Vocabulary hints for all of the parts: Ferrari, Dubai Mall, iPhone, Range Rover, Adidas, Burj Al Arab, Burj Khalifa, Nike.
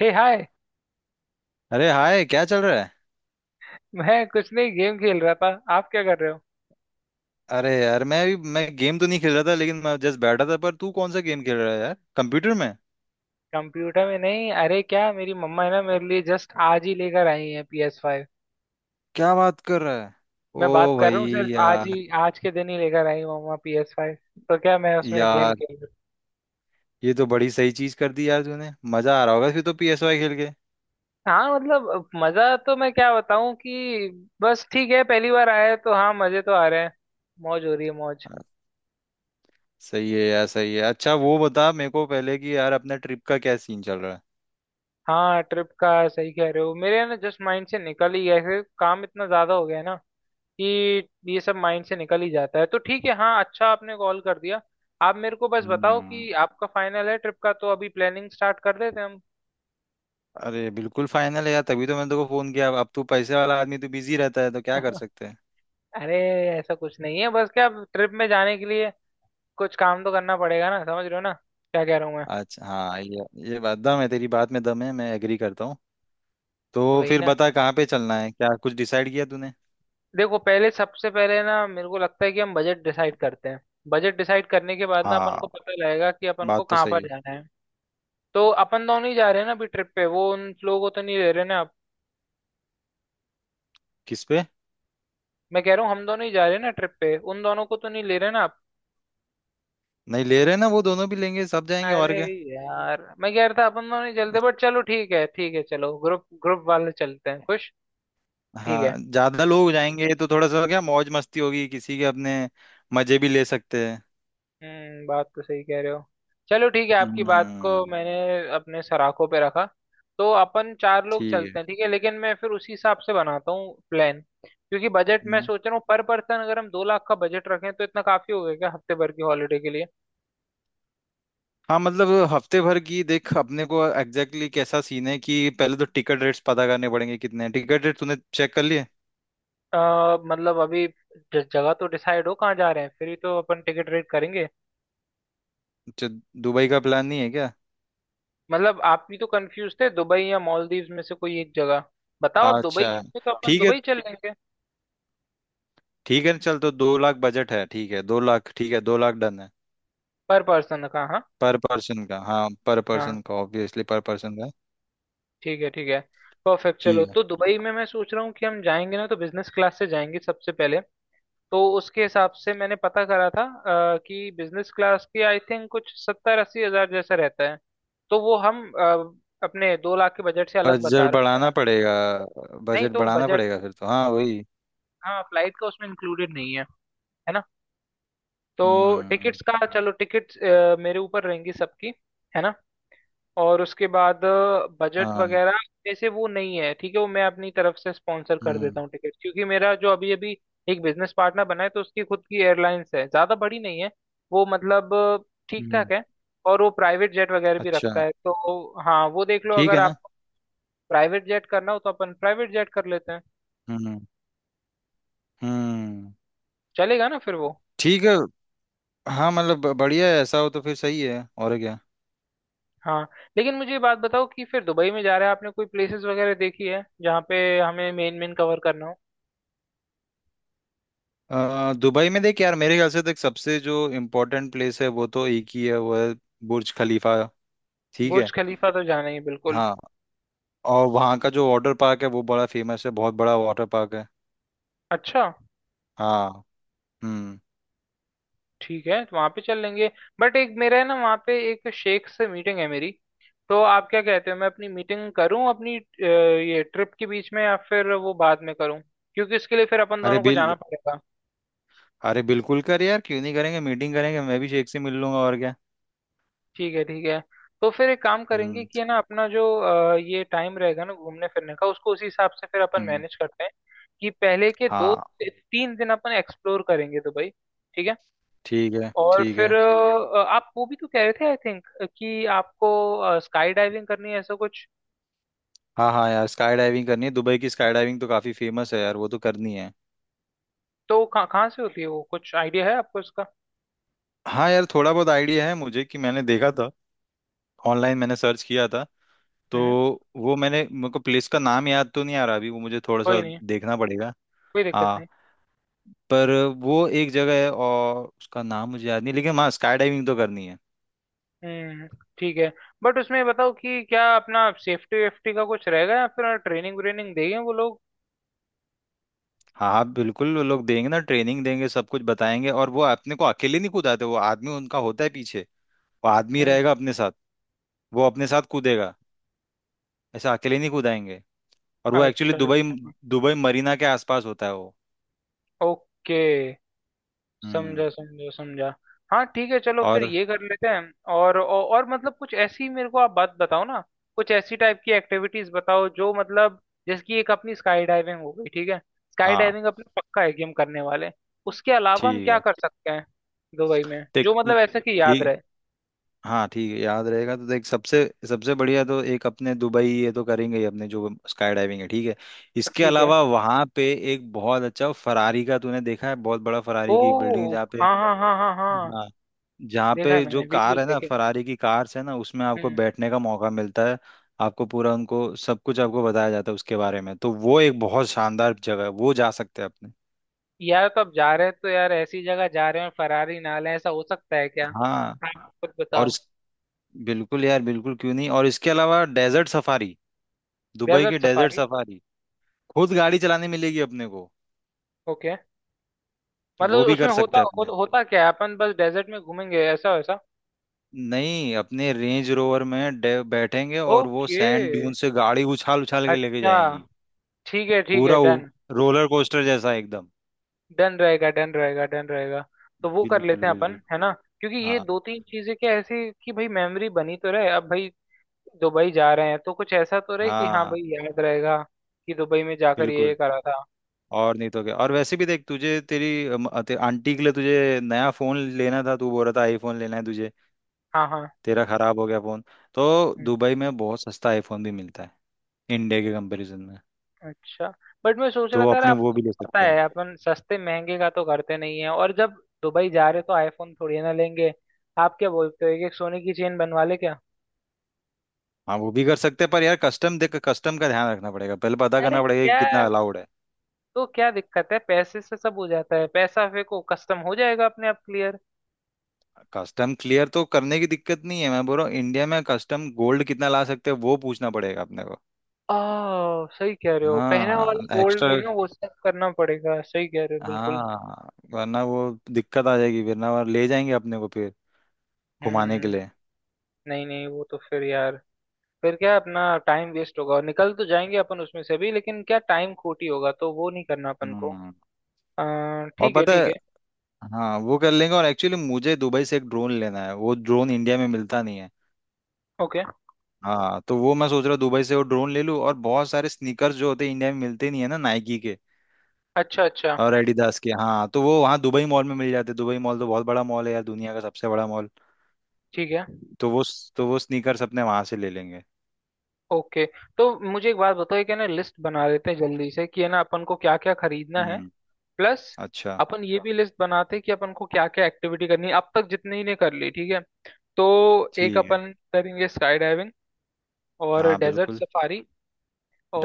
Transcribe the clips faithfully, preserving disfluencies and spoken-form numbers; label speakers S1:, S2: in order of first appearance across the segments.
S1: हे hi.
S2: अरे hi, क्या चल रहा है।
S1: मैं कुछ नहीं गेम खेल रहा था। आप क्या कर रहे हो।
S2: अरे यार, मैं अभी मैं गेम तो नहीं खेल रहा था लेकिन मैं जस्ट बैठा था। पर तू कौन सा गेम खेल रहा है यार, कंप्यूटर में?
S1: कंप्यूटर में नहीं। अरे क्या मेरी मम्मा है ना, मेरे लिए जस्ट आज ही लेकर आई है पी एस फाइव।
S2: क्या बात कर रहा है!
S1: मैं बात
S2: ओ
S1: कर
S2: भाई!
S1: रहा हूँ, सिर्फ आज हम्म,
S2: यार
S1: ही आज के दिन ही लेकर आई हूँ मम्मा पी एस फाइव। तो क्या मैं उसमें गेम
S2: यार,
S1: खेल रहा हूँ।
S2: ये तो बड़ी सही चीज कर दी यार तूने। मजा आ रहा होगा फिर तो पीएसवाई खेल के।
S1: हाँ, मतलब मजा तो मैं क्या बताऊँ कि बस ठीक है, पहली बार आया है तो हाँ मजे तो आ रहे हैं। मौज हो रही है मौज।
S2: आ, सही है यार, सही है। अच्छा वो बता मेरे को पहले कि यार, अपने ट्रिप का क्या सीन चल रहा है?
S1: हाँ ट्रिप का सही कह रहे हो, मेरे ना जस्ट माइंड से निकल ही गया, ऐसे काम इतना ज्यादा हो गया है ना कि ये सब माइंड से निकल ही जाता है। तो ठीक है हाँ, अच्छा आपने कॉल कर दिया। आप मेरे को बस बताओ
S2: हम्म।
S1: कि आपका फाइनल है ट्रिप का, तो अभी प्लानिंग स्टार्ट कर देते हैं हम।
S2: अरे बिल्कुल फाइनल है यार, तभी तो मैंने तेको फोन किया। अब तू पैसे वाला आदमी, तू बिजी रहता है तो क्या कर सकते हैं।
S1: अरे ऐसा कुछ नहीं है। बस क्या, ट्रिप में जाने के लिए कुछ काम तो करना पड़ेगा ना, समझ रहे हो ना, क्या कह रहा हूँ मैं।
S2: अच्छा हाँ, ये ये बात दम है, तेरी बात में दम है, मैं एग्री करता हूँ। तो
S1: वही
S2: फिर
S1: ना।
S2: बता कहाँ पे चलना है, क्या कुछ डिसाइड किया तूने?
S1: देखो पहले सबसे पहले ना, मेरे को लगता है कि हम बजट डिसाइड करते हैं। बजट डिसाइड करने के बाद ना अपन को
S2: हाँ,
S1: पता लगेगा कि अपन को
S2: बात तो
S1: कहाँ
S2: सही
S1: पर
S2: है।
S1: जाना है। तो अपन दोनों ही जा रहे हैं ना अभी ट्रिप पे, वो उन लोगों को तो नहीं ले रहे ना।
S2: किस पे?
S1: मैं कह रहा हूँ हम दोनों ही जा रहे हैं ना ट्रिप पे, उन दोनों को तो नहीं ले रहे ना आप।
S2: नहीं ले रहे ना, वो दोनों भी लेंगे, सब जाएंगे और
S1: अरे
S2: क्या।
S1: यार मैं कह रहा था अपन दोनों ही चलते, बट चलो ठीक है ठीक है, चलो ग्रुप ग्रुप वाले चलते हैं, खुश। ठीक
S2: हाँ,
S1: है।
S2: ज्यादा लोग जाएंगे तो थोड़ा सा क्या मौज मस्ती होगी किसी के अपने, मजे भी ले सकते हैं।
S1: हम्म, बात तो सही कह रहे हो। चलो ठीक है, आपकी बात को
S2: हम्म।
S1: मैंने अपने सराखों पे रखा। तो अपन चार लोग
S2: ठीक है।
S1: चलते हैं, ठीक है, लेकिन मैं फिर उसी हिसाब से बनाता हूँ प्लान। क्योंकि बजट मैं
S2: हम्म।
S1: सोच रहा हूँ पर पर्सन, अगर हम दो लाख का बजट रखें तो इतना काफी हो गया क्या हफ्ते भर की हॉलीडे के लिए।
S2: हाँ मतलब हफ्ते भर की देख, अपने को एग्जैक्टली exactly कैसा सीन है कि पहले तो टिकट रेट्स पता करने पड़ेंगे, कितने हैं टिकट रेट, तूने चेक कर लिए?
S1: अ, मतलब अभी ज- जगह तो डिसाइड हो कहाँ जा रहे हैं फिर ही तो अपन टिकट रेट करेंगे।
S2: अच्छा, दुबई का प्लान नहीं है क्या?
S1: मतलब आप भी तो कंफ्यूज थे दुबई या मालदीव्स में से, कोई एक जगह बताओ। आप दुबई की,
S2: अच्छा,
S1: तो अपन
S2: ठीक है।
S1: दुबई चल लेंगे।
S2: ठीक है ना, चल तो दो लाख बजट है, ठीक है दो लाख, ठीक है दो लाख डन है।
S1: पर पर्सन का हाँ।
S2: पर पर्सन का हाँ, पर
S1: हाँ
S2: पर्सन का ऑब्वियसली पर पर्सन का।
S1: ठीक है ठीक है। परफेक्ट चलो,
S2: ठीक है।
S1: तो दुबई में मैं सोच रहा हूँ कि हम जाएंगे ना तो बिजनेस क्लास से जाएंगे सबसे पहले। तो उसके हिसाब से मैंने पता करा था अ, कि बिजनेस क्लास की आई थिंक कुछ सत्तर अस्सी हजार जैसा रहता है। तो वो हम अ, अपने दो लाख के बजट से अलग बता
S2: बजट
S1: रहा हूँ मैं।
S2: बढ़ाना पड़ेगा,
S1: नहीं
S2: बजट
S1: तो
S2: बढ़ाना
S1: बजट,
S2: पड़ेगा फिर तो, हाँ वही।
S1: हाँ फ्लाइट का उसमें इंक्लूडेड नहीं है, है ना। तो
S2: हम्म।
S1: टिकट्स का, चलो टिकट्स मेरे ऊपर रहेंगी सबकी, है ना। और उसके बाद बजट
S2: हाँ।
S1: वगैरह जैसे वो नहीं है ठीक है, वो मैं अपनी तरफ से स्पॉन्सर कर देता
S2: हम्म।
S1: हूँ टिकट, क्योंकि मेरा जो अभी अभी एक बिजनेस पार्टनर बना है तो उसकी खुद की एयरलाइंस है, ज़्यादा बड़ी नहीं है वो, मतलब ठीक
S2: हम्म।
S1: ठाक है। और वो प्राइवेट जेट वगैरह भी
S2: अच्छा,
S1: रखता है, तो हाँ वो देख लो
S2: ठीक
S1: अगर
S2: है ना।
S1: आप प्राइवेट जेट करना हो तो अपन प्राइवेट जेट कर लेते हैं।
S2: हम्म। हम्म।
S1: चलेगा ना फिर वो।
S2: ठीक है। हाँ मतलब ब- बढ़िया है, ऐसा हो तो फिर सही है और क्या।
S1: हाँ लेकिन मुझे ये बात बताओ कि फिर दुबई में जा रहे हैं, आपने कोई प्लेसेस वगैरह देखी है जहाँ पे हमें मेन मेन कवर करना हो।
S2: अ, दुबई में देख यार, मेरे ख्याल से देख सबसे जो इम्पोर्टेंट प्लेस है वो तो एक ही है, वो है बुर्ज खलीफा। ठीक
S1: बुर्ज
S2: है।
S1: खलीफा तो जाना ही है बिल्कुल।
S2: हाँ, और वहाँ का जो वाटर पार्क है वो बड़ा फेमस है, बहुत बड़ा वाटर पार्क है।
S1: अच्छा
S2: हाँ। हम्म।
S1: ठीक है, तो वहाँ पे चल लेंगे। बट एक मेरा है ना, वहाँ पे एक शेख से मीटिंग है मेरी। तो आप क्या कहते हो, मैं अपनी मीटिंग करूँ अपनी अ, ये ट्रिप के बीच में, या फिर वो बाद में करूँ, क्योंकि इसके लिए फिर अपन
S2: अरे
S1: दोनों को जाना
S2: बिल
S1: पड़ेगा।
S2: अरे बिल्कुल कर यार, क्यों नहीं करेंगे, मीटिंग करेंगे, मैं भी शेख से मिल लूंगा और क्या।
S1: ठीक है ठीक है। तो फिर एक काम करेंगे
S2: हम्म।
S1: कि है ना अपना जो अ, ये टाइम रहेगा ना घूमने फिरने का उसको उसी हिसाब से फिर अपन
S2: हम्म।
S1: मैनेज करते हैं, कि पहले के दो
S2: हाँ
S1: तीन दिन अपन एक्सप्लोर करेंगे दुबई। ठीक है।
S2: ठीक है,
S1: और
S2: ठीक
S1: फिर
S2: है।
S1: अ, आप वो भी तो कह रहे थे आई थिंक कि आपको स्काई डाइविंग करनी है ऐसा कुछ।
S2: हाँ हाँ यार, स्काई डाइविंग करनी है, दुबई की स्काई डाइविंग तो काफी फेमस है यार, वो तो करनी है।
S1: तो कहाँ कहाँ से होती है वो, कुछ आइडिया है आपको उसका।
S2: हाँ यार, थोड़ा बहुत आइडिया है मुझे कि मैंने देखा था, ऑनलाइन मैंने सर्च किया था तो।
S1: हम्म।
S2: वो मैंने, मेरे को प्लेस का नाम याद तो नहीं आ रहा अभी, वो मुझे थोड़ा सा
S1: कोई नहीं,
S2: देखना पड़ेगा।
S1: कोई दिक्कत
S2: हाँ
S1: नहीं।
S2: पर वो एक जगह है और उसका नाम मुझे याद नहीं, लेकिन हाँ स्काई डाइविंग तो करनी है।
S1: हम्म। ठीक है, बट उसमें ये बताओ कि क्या अपना सेफ्टी वेफ्टी का कुछ रहेगा या फिर ट्रेनिंग व्रेनिंग देंगे वो लोग।
S2: हाँ हाँ बिल्कुल, वो लोग देंगे ना, ट्रेनिंग देंगे, सब कुछ बताएंगे, और वो अपने को अकेले नहीं कूदाते, वो आदमी उनका होता है पीछे। वो आदमी
S1: हम्म।
S2: रहेगा अपने साथ, वो अपने साथ कूदेगा, ऐसा अकेले नहीं कूदाएंगे। और वो एक्चुअली
S1: अच्छा
S2: दुबई,
S1: अच्छा।
S2: दुबई मरीना के आसपास होता है वो।
S1: ओके,
S2: हम्म।
S1: समझा समझा समझा। हाँ ठीक है, चलो फिर
S2: और
S1: ये कर लेते हैं। और औ- और मतलब कुछ ऐसी मेरे को आप बात बताओ ना, कुछ ऐसी टाइप की एक्टिविटीज बताओ जो मतलब, जैसे कि एक अपनी स्काई डाइविंग हो गई, ठीक है। स्काई
S2: हाँ
S1: डाइविंग अपना पक्का है कि हम करने वाले हैं। उसके अलावा हम
S2: ठीक
S1: क्या
S2: है,
S1: कर सकते हैं दुबई में,
S2: देख
S1: जो
S2: उ-
S1: मतलब ऐसा कि याद
S2: ठीक,
S1: रहे,
S2: हाँ ठीक है याद रहेगा तो देख, सबसे सबसे बढ़िया तो एक अपने दुबई ये तो करेंगे ही, अपने जो स्काई डाइविंग है, ठीक है। इसके
S1: ठीक है।
S2: अलावा वहां पे एक बहुत अच्छा फरारी का तूने देखा है, बहुत बड़ा
S1: ओ
S2: फरारी की बिल्डिंग, जहाँ पे
S1: हाँ हाँ हाँ हाँ हाँ।
S2: हाँ, जहाँ
S1: देखा है
S2: पे जो
S1: मैंने,
S2: कार
S1: वीडियोस
S2: है ना,
S1: देखे।
S2: फरारी की कार्स है ना, उसमें आपको
S1: हम्म।
S2: बैठने का मौका मिलता है। आपको पूरा उनको सब कुछ आपको बताया जाता है उसके बारे में, तो वो एक बहुत शानदार जगह है, वो जा सकते हैं अपने।
S1: यार तो अब जा रहे हैं तो यार ऐसी जगह जा रहे हैं, फरारी ना लें ऐसा हो सकता है क्या,
S2: हाँ
S1: आप खुद
S2: और
S1: बताओ।
S2: इस बिल्कुल यार बिल्कुल, क्यों नहीं, और इसके अलावा डेजर्ट सफारी, दुबई की
S1: डेजर्ट
S2: डेजर्ट
S1: सफारी।
S2: सफारी, खुद गाड़ी चलाने मिलेगी अपने को।
S1: ओके,
S2: वो
S1: मतलब
S2: भी
S1: उसमें
S2: कर
S1: होता
S2: सकते हैं
S1: हो,
S2: अपने।
S1: होता क्या है, अपन बस डेजर्ट में घूमेंगे ऐसा वैसा।
S2: नहीं, अपने रेंज रोवर में डे- बैठेंगे और वो
S1: ओके
S2: सैंड ड्यून से गाड़ी उछाल उछाल के लेके
S1: अच्छा।
S2: जाएंगी।
S1: ठीक है ठीक है,
S2: पूरा उ-
S1: डन।
S2: रोलर कोस्टर जैसा एकदम।
S1: डन रहेगा डन रहेगा डन रहेगा। तो वो कर
S2: बिल्कुल
S1: लेते हैं
S2: बिल्कुल।
S1: अपन, है ना। क्योंकि ये
S2: हाँ
S1: दो तीन चीजें क्या, ऐसी कि भाई मेमोरी बनी तो रहे। अब भाई दुबई जा रहे हैं तो कुछ ऐसा तो रहे कि हाँ
S2: हाँ
S1: भाई याद रहेगा कि दुबई में जाकर ये
S2: बिल्कुल।
S1: ये करा था।
S2: और नहीं तो क्या, और वैसे भी देख, तुझे तेरी अम, ते, आंटी के लिए तुझे नया फोन लेना था, तू बोल रहा था आईफोन लेना है तुझे,
S1: हाँ
S2: तेरा खराब हो गया फोन। तो
S1: हाँ।
S2: दुबई में बहुत सस्ता आईफोन भी मिलता है, इंडिया के कंपैरिजन में।
S1: अच्छा, बट मैं सोच रहा
S2: तो
S1: था यार,
S2: अपने वो
S1: आपको
S2: भी ले
S1: पता
S2: सकते हैं।
S1: है अपन सस्ते महंगे का तो करते नहीं है, और जब दुबई जा रहे तो आईफोन थोड़ी ना लेंगे। आप क्या बोलते हो, एक एक सोने की चेन बनवा ले क्या।
S2: हाँ वो भी कर सकते हैं पर यार कस्टम देख, कस्टम का ध्यान रखना पड़ेगा, पहले पता
S1: अरे
S2: करना पड़ेगा कि
S1: क्या,
S2: कितना अलाउड है।
S1: तो क्या दिक्कत है, पैसे से सब हो जाता है, पैसा फेंको कस्टम हो जाएगा अपने आप क्लियर।
S2: कस्टम क्लियर तो करने की दिक्कत नहीं है, मैं बोल रहा हूँ इंडिया में कस्टम गोल्ड कितना ला सकते हैं वो पूछना पड़ेगा अपने को।
S1: आ सही कह रहे हो, पहना वाला
S2: हाँ
S1: गोल्ड भी
S2: एक्स्ट्रा।
S1: ना, वो सब करना पड़ेगा, सही कह रहे हो बिल्कुल।
S2: हाँ वरना वो, दिक्कत आ जाएगी, वरना वो ले जाएंगे अपने को फिर घुमाने के
S1: हम्म।
S2: लिए।
S1: नहीं नहीं, वो तो फिर यार, फिर क्या अपना टाइम वेस्ट होगा और निकल तो जाएंगे अपन उसमें से भी, लेकिन क्या टाइम खोटी होगा तो वो नहीं करना अपन को।
S2: हम्म।
S1: अ,
S2: और
S1: ठीक है
S2: पता है,
S1: ठीक है।
S2: हाँ वो कर लेंगे, और एक्चुअली मुझे दुबई से एक ड्रोन लेना है, वो ड्रोन इंडिया में मिलता नहीं है।
S1: ओके
S2: हाँ तो वो मैं सोच रहा हूँ दुबई से वो ड्रोन ले लूँ, और बहुत सारे स्नीकर्स जो होते हैं इंडिया में मिलते नहीं है ना, नाइकी के
S1: अच्छा अच्छा,
S2: और एडिडास के। हाँ तो वो वहाँ दुबई मॉल में मिल जाते हैं, दुबई मॉल तो बहुत बड़ा मॉल है यार, दुनिया का सबसे बड़ा मॉल।
S1: ठीक है
S2: तो वो तो वो स्नीकर्स अपने वहाँ से ले लेंगे।
S1: ओके। तो मुझे एक बात बताओ, एक है ना लिस्ट बना लेते हैं जल्दी से कि है ना अपन को क्या क्या खरीदना है।
S2: हम्म।
S1: प्लस
S2: अच्छा,
S1: अपन ये भी लिस्ट बनाते हैं कि अपन को क्या क्या एक्टिविटी करनी है अब तक जितनी ने कर ली, ठीक है। तो एक
S2: ठीक है।
S1: अपन करेंगे स्काई डाइविंग और
S2: हाँ
S1: डेजर्ट
S2: बिल्कुल।
S1: सफारी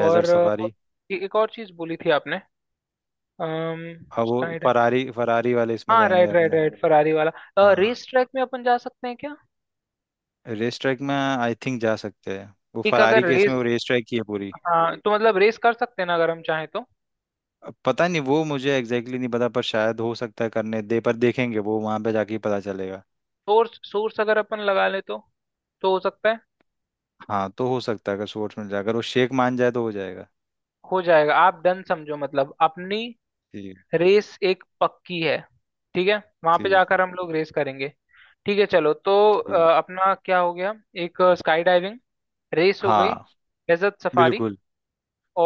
S2: डेजर्ट
S1: अ,
S2: सफारी।
S1: ए- एक और चीज बोली थी आपने।
S2: हाँ वो
S1: स्काई डाइव।
S2: फरारी, फरारी वाले इसमें
S1: हाँ,
S2: जाएंगे
S1: राइट राइट
S2: अपने।
S1: राइट, फरारी वाला।
S2: हाँ,
S1: रेस ट्रैक में अपन जा सकते हैं क्या।
S2: रेस ट्रैक में आई थिंक जा सकते हैं, वो
S1: एक
S2: फरारी
S1: अगर
S2: के इसमें
S1: रेस,
S2: वो रेस ट्रैक की है पूरी।
S1: हाँ तो मतलब रेस कर सकते हैं ना अगर हम चाहें तो।
S2: अब पता नहीं, वो मुझे एग्जैक्टली exactly नहीं पता, पर शायद हो सकता है करने दे, पर देखेंगे वो वहाँ पे जाके ही पता चलेगा।
S1: सोर्स सोर्स अगर अपन लगा ले तो तो हो सकता है।
S2: हाँ तो हो सकता है, अगर स्पोर्ट्स मिल जाए, अगर वो शेख मान जाए तो हो जाएगा।
S1: हो जाएगा, आप डन समझो, मतलब अपनी
S2: ठीक है।
S1: रेस एक पक्की है, ठीक है। वहां पे
S2: ठीक
S1: जाकर
S2: है।
S1: हम लोग रेस करेंगे। ठीक है चलो, तो
S2: ठीक है।
S1: अ, अपना क्या हो गया, एक स्काई डाइविंग, रेस हो गई,
S2: हाँ
S1: डेजर्ट सफारी,
S2: बिल्कुल।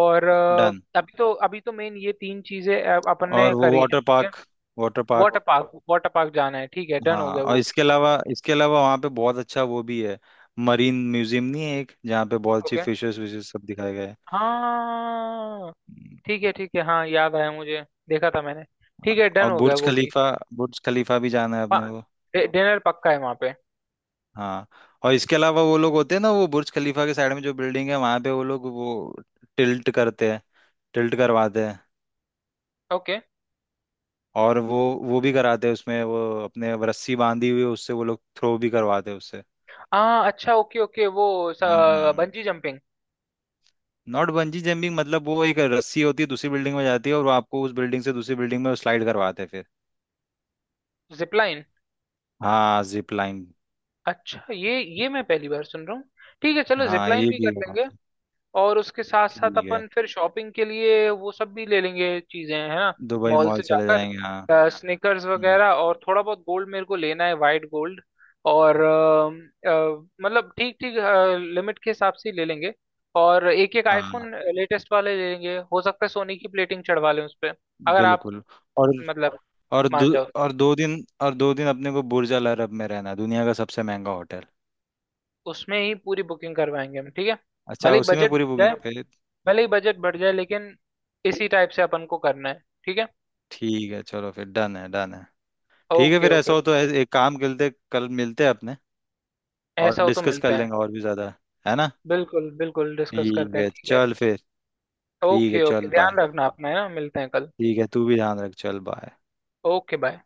S1: और अ,
S2: डन।
S1: अभी तो अभी तो मेन ये तीन चीजें अ, अपन ने
S2: और वो
S1: करी है,
S2: वाटर
S1: ठीक है।
S2: Park, water park.
S1: Water park. Water park जाना है ठीक है, डन
S2: हाँ,
S1: हो गया
S2: और
S1: वो भी।
S2: इसके अलावा इसके अलावा वहाँ पे बहुत अच्छा वो भी है, मरीन म्यूजियम नहीं है एक, जहाँ पे बहुत अच्छी
S1: ओके
S2: फिशेस विशेस सब दिखाए गए हैं।
S1: हाँ
S2: हम्म,
S1: ठीक है ठीक है, हाँ याद आया मुझे, देखा था मैंने। ठीक है, डन
S2: और
S1: हो गया
S2: बुर्ज
S1: वो भी।
S2: खलीफा, बुर्ज खलीफा भी जाना है
S1: हाँ,
S2: अपने को।
S1: डिनर पक्का है वहाँ पे।
S2: हाँ, और इसके अलावा वो लोग होते हैं ना, वो बुर्ज खलीफा के साइड में जो बिल्डिंग है वहाँ पे वो लोग वो टिल्ट करते हैं, टिल्ट करवाते हैं।
S1: ओके,
S2: और वो वो भी कराते हैं उसमें वो, अपने रस्सी बांधी हुई है, उससे वो लोग थ्रो भी करवाते हैं उससे।
S1: हाँ अच्छा, ओके ओके वो
S2: हम्म।
S1: Bungee jumping,
S2: not bungee jumping, मतलब वो एक रस्सी होती है, दूसरी बिल्डिंग में जाती है और वो आपको उस बिल्डिंग से दूसरी बिल्डिंग में स्लाइड करवाते हैं फिर।
S1: जिपलाइन।
S2: हाँ जिप लाइन।
S1: अच्छा, ये ये मैं पहली बार सुन रहा हूँ। ठीक है, चलो
S2: हाँ
S1: जिपलाइन
S2: ये
S1: भी
S2: भी
S1: कर
S2: है वहाँ
S1: लेंगे।
S2: पे।
S1: और उसके साथ
S2: ठीक
S1: साथ
S2: है,
S1: अपन फिर शॉपिंग के लिए वो सब भी ले लेंगे चीजें, है ना।
S2: दुबई
S1: मॉल
S2: मॉल
S1: से
S2: चले
S1: जाकर
S2: जाएंगे हाँ।
S1: स्निकर्स
S2: हम्म,
S1: वगैरह और थोड़ा बहुत गोल्ड मेरे को लेना है, वाइट गोल्ड। और अ, अ, मतलब ठीक ठीक लिमिट के हिसाब से ही ले लेंगे। और एक एक
S2: हाँ
S1: आईफोन लेटेस्ट वाले ले लेंगे, हो सकता है सोनी की प्लेटिंग चढ़वा लें उस पर, अगर आप
S2: बिल्कुल। और
S1: मतलब
S2: और दो
S1: मान जाओ तो।
S2: और दो दिन और दो दिन अपने को बुर्ज अल अरब में रहना है, दुनिया का सबसे महंगा होटल।
S1: उसमें ही पूरी बुकिंग करवाएंगे हम, ठीक है।
S2: अच्छा,
S1: भले ही
S2: उसी में
S1: बजट
S2: पूरी
S1: बढ़ जाए,
S2: बुकिंग फिर।
S1: भले ही बजट बढ़ जाए लेकिन इसी टाइप से अपन को करना है, ठीक है।
S2: ठीक है चलो, फिर डन है, डन है। ठीक है,
S1: ओके
S2: फिर ऐसा
S1: ओके।
S2: हो तो ऐ- एक काम करते, कल मिलते हैं अपने, और
S1: ऐसा हो तो
S2: डिस्कस कर
S1: मिलते हैं।
S2: लेंगे और भी ज्यादा, है ना।
S1: बिल्कुल बिल्कुल डिस्कस
S2: ठीक
S1: करते हैं,
S2: है
S1: ठीक है।
S2: चल फिर, ठीक है
S1: ओके ओके,
S2: चल बाय।
S1: ध्यान रखना अपना, है ना, मिलते हैं कल।
S2: ठीक है, तू भी ध्यान रख, चल बाय।
S1: Okay bye.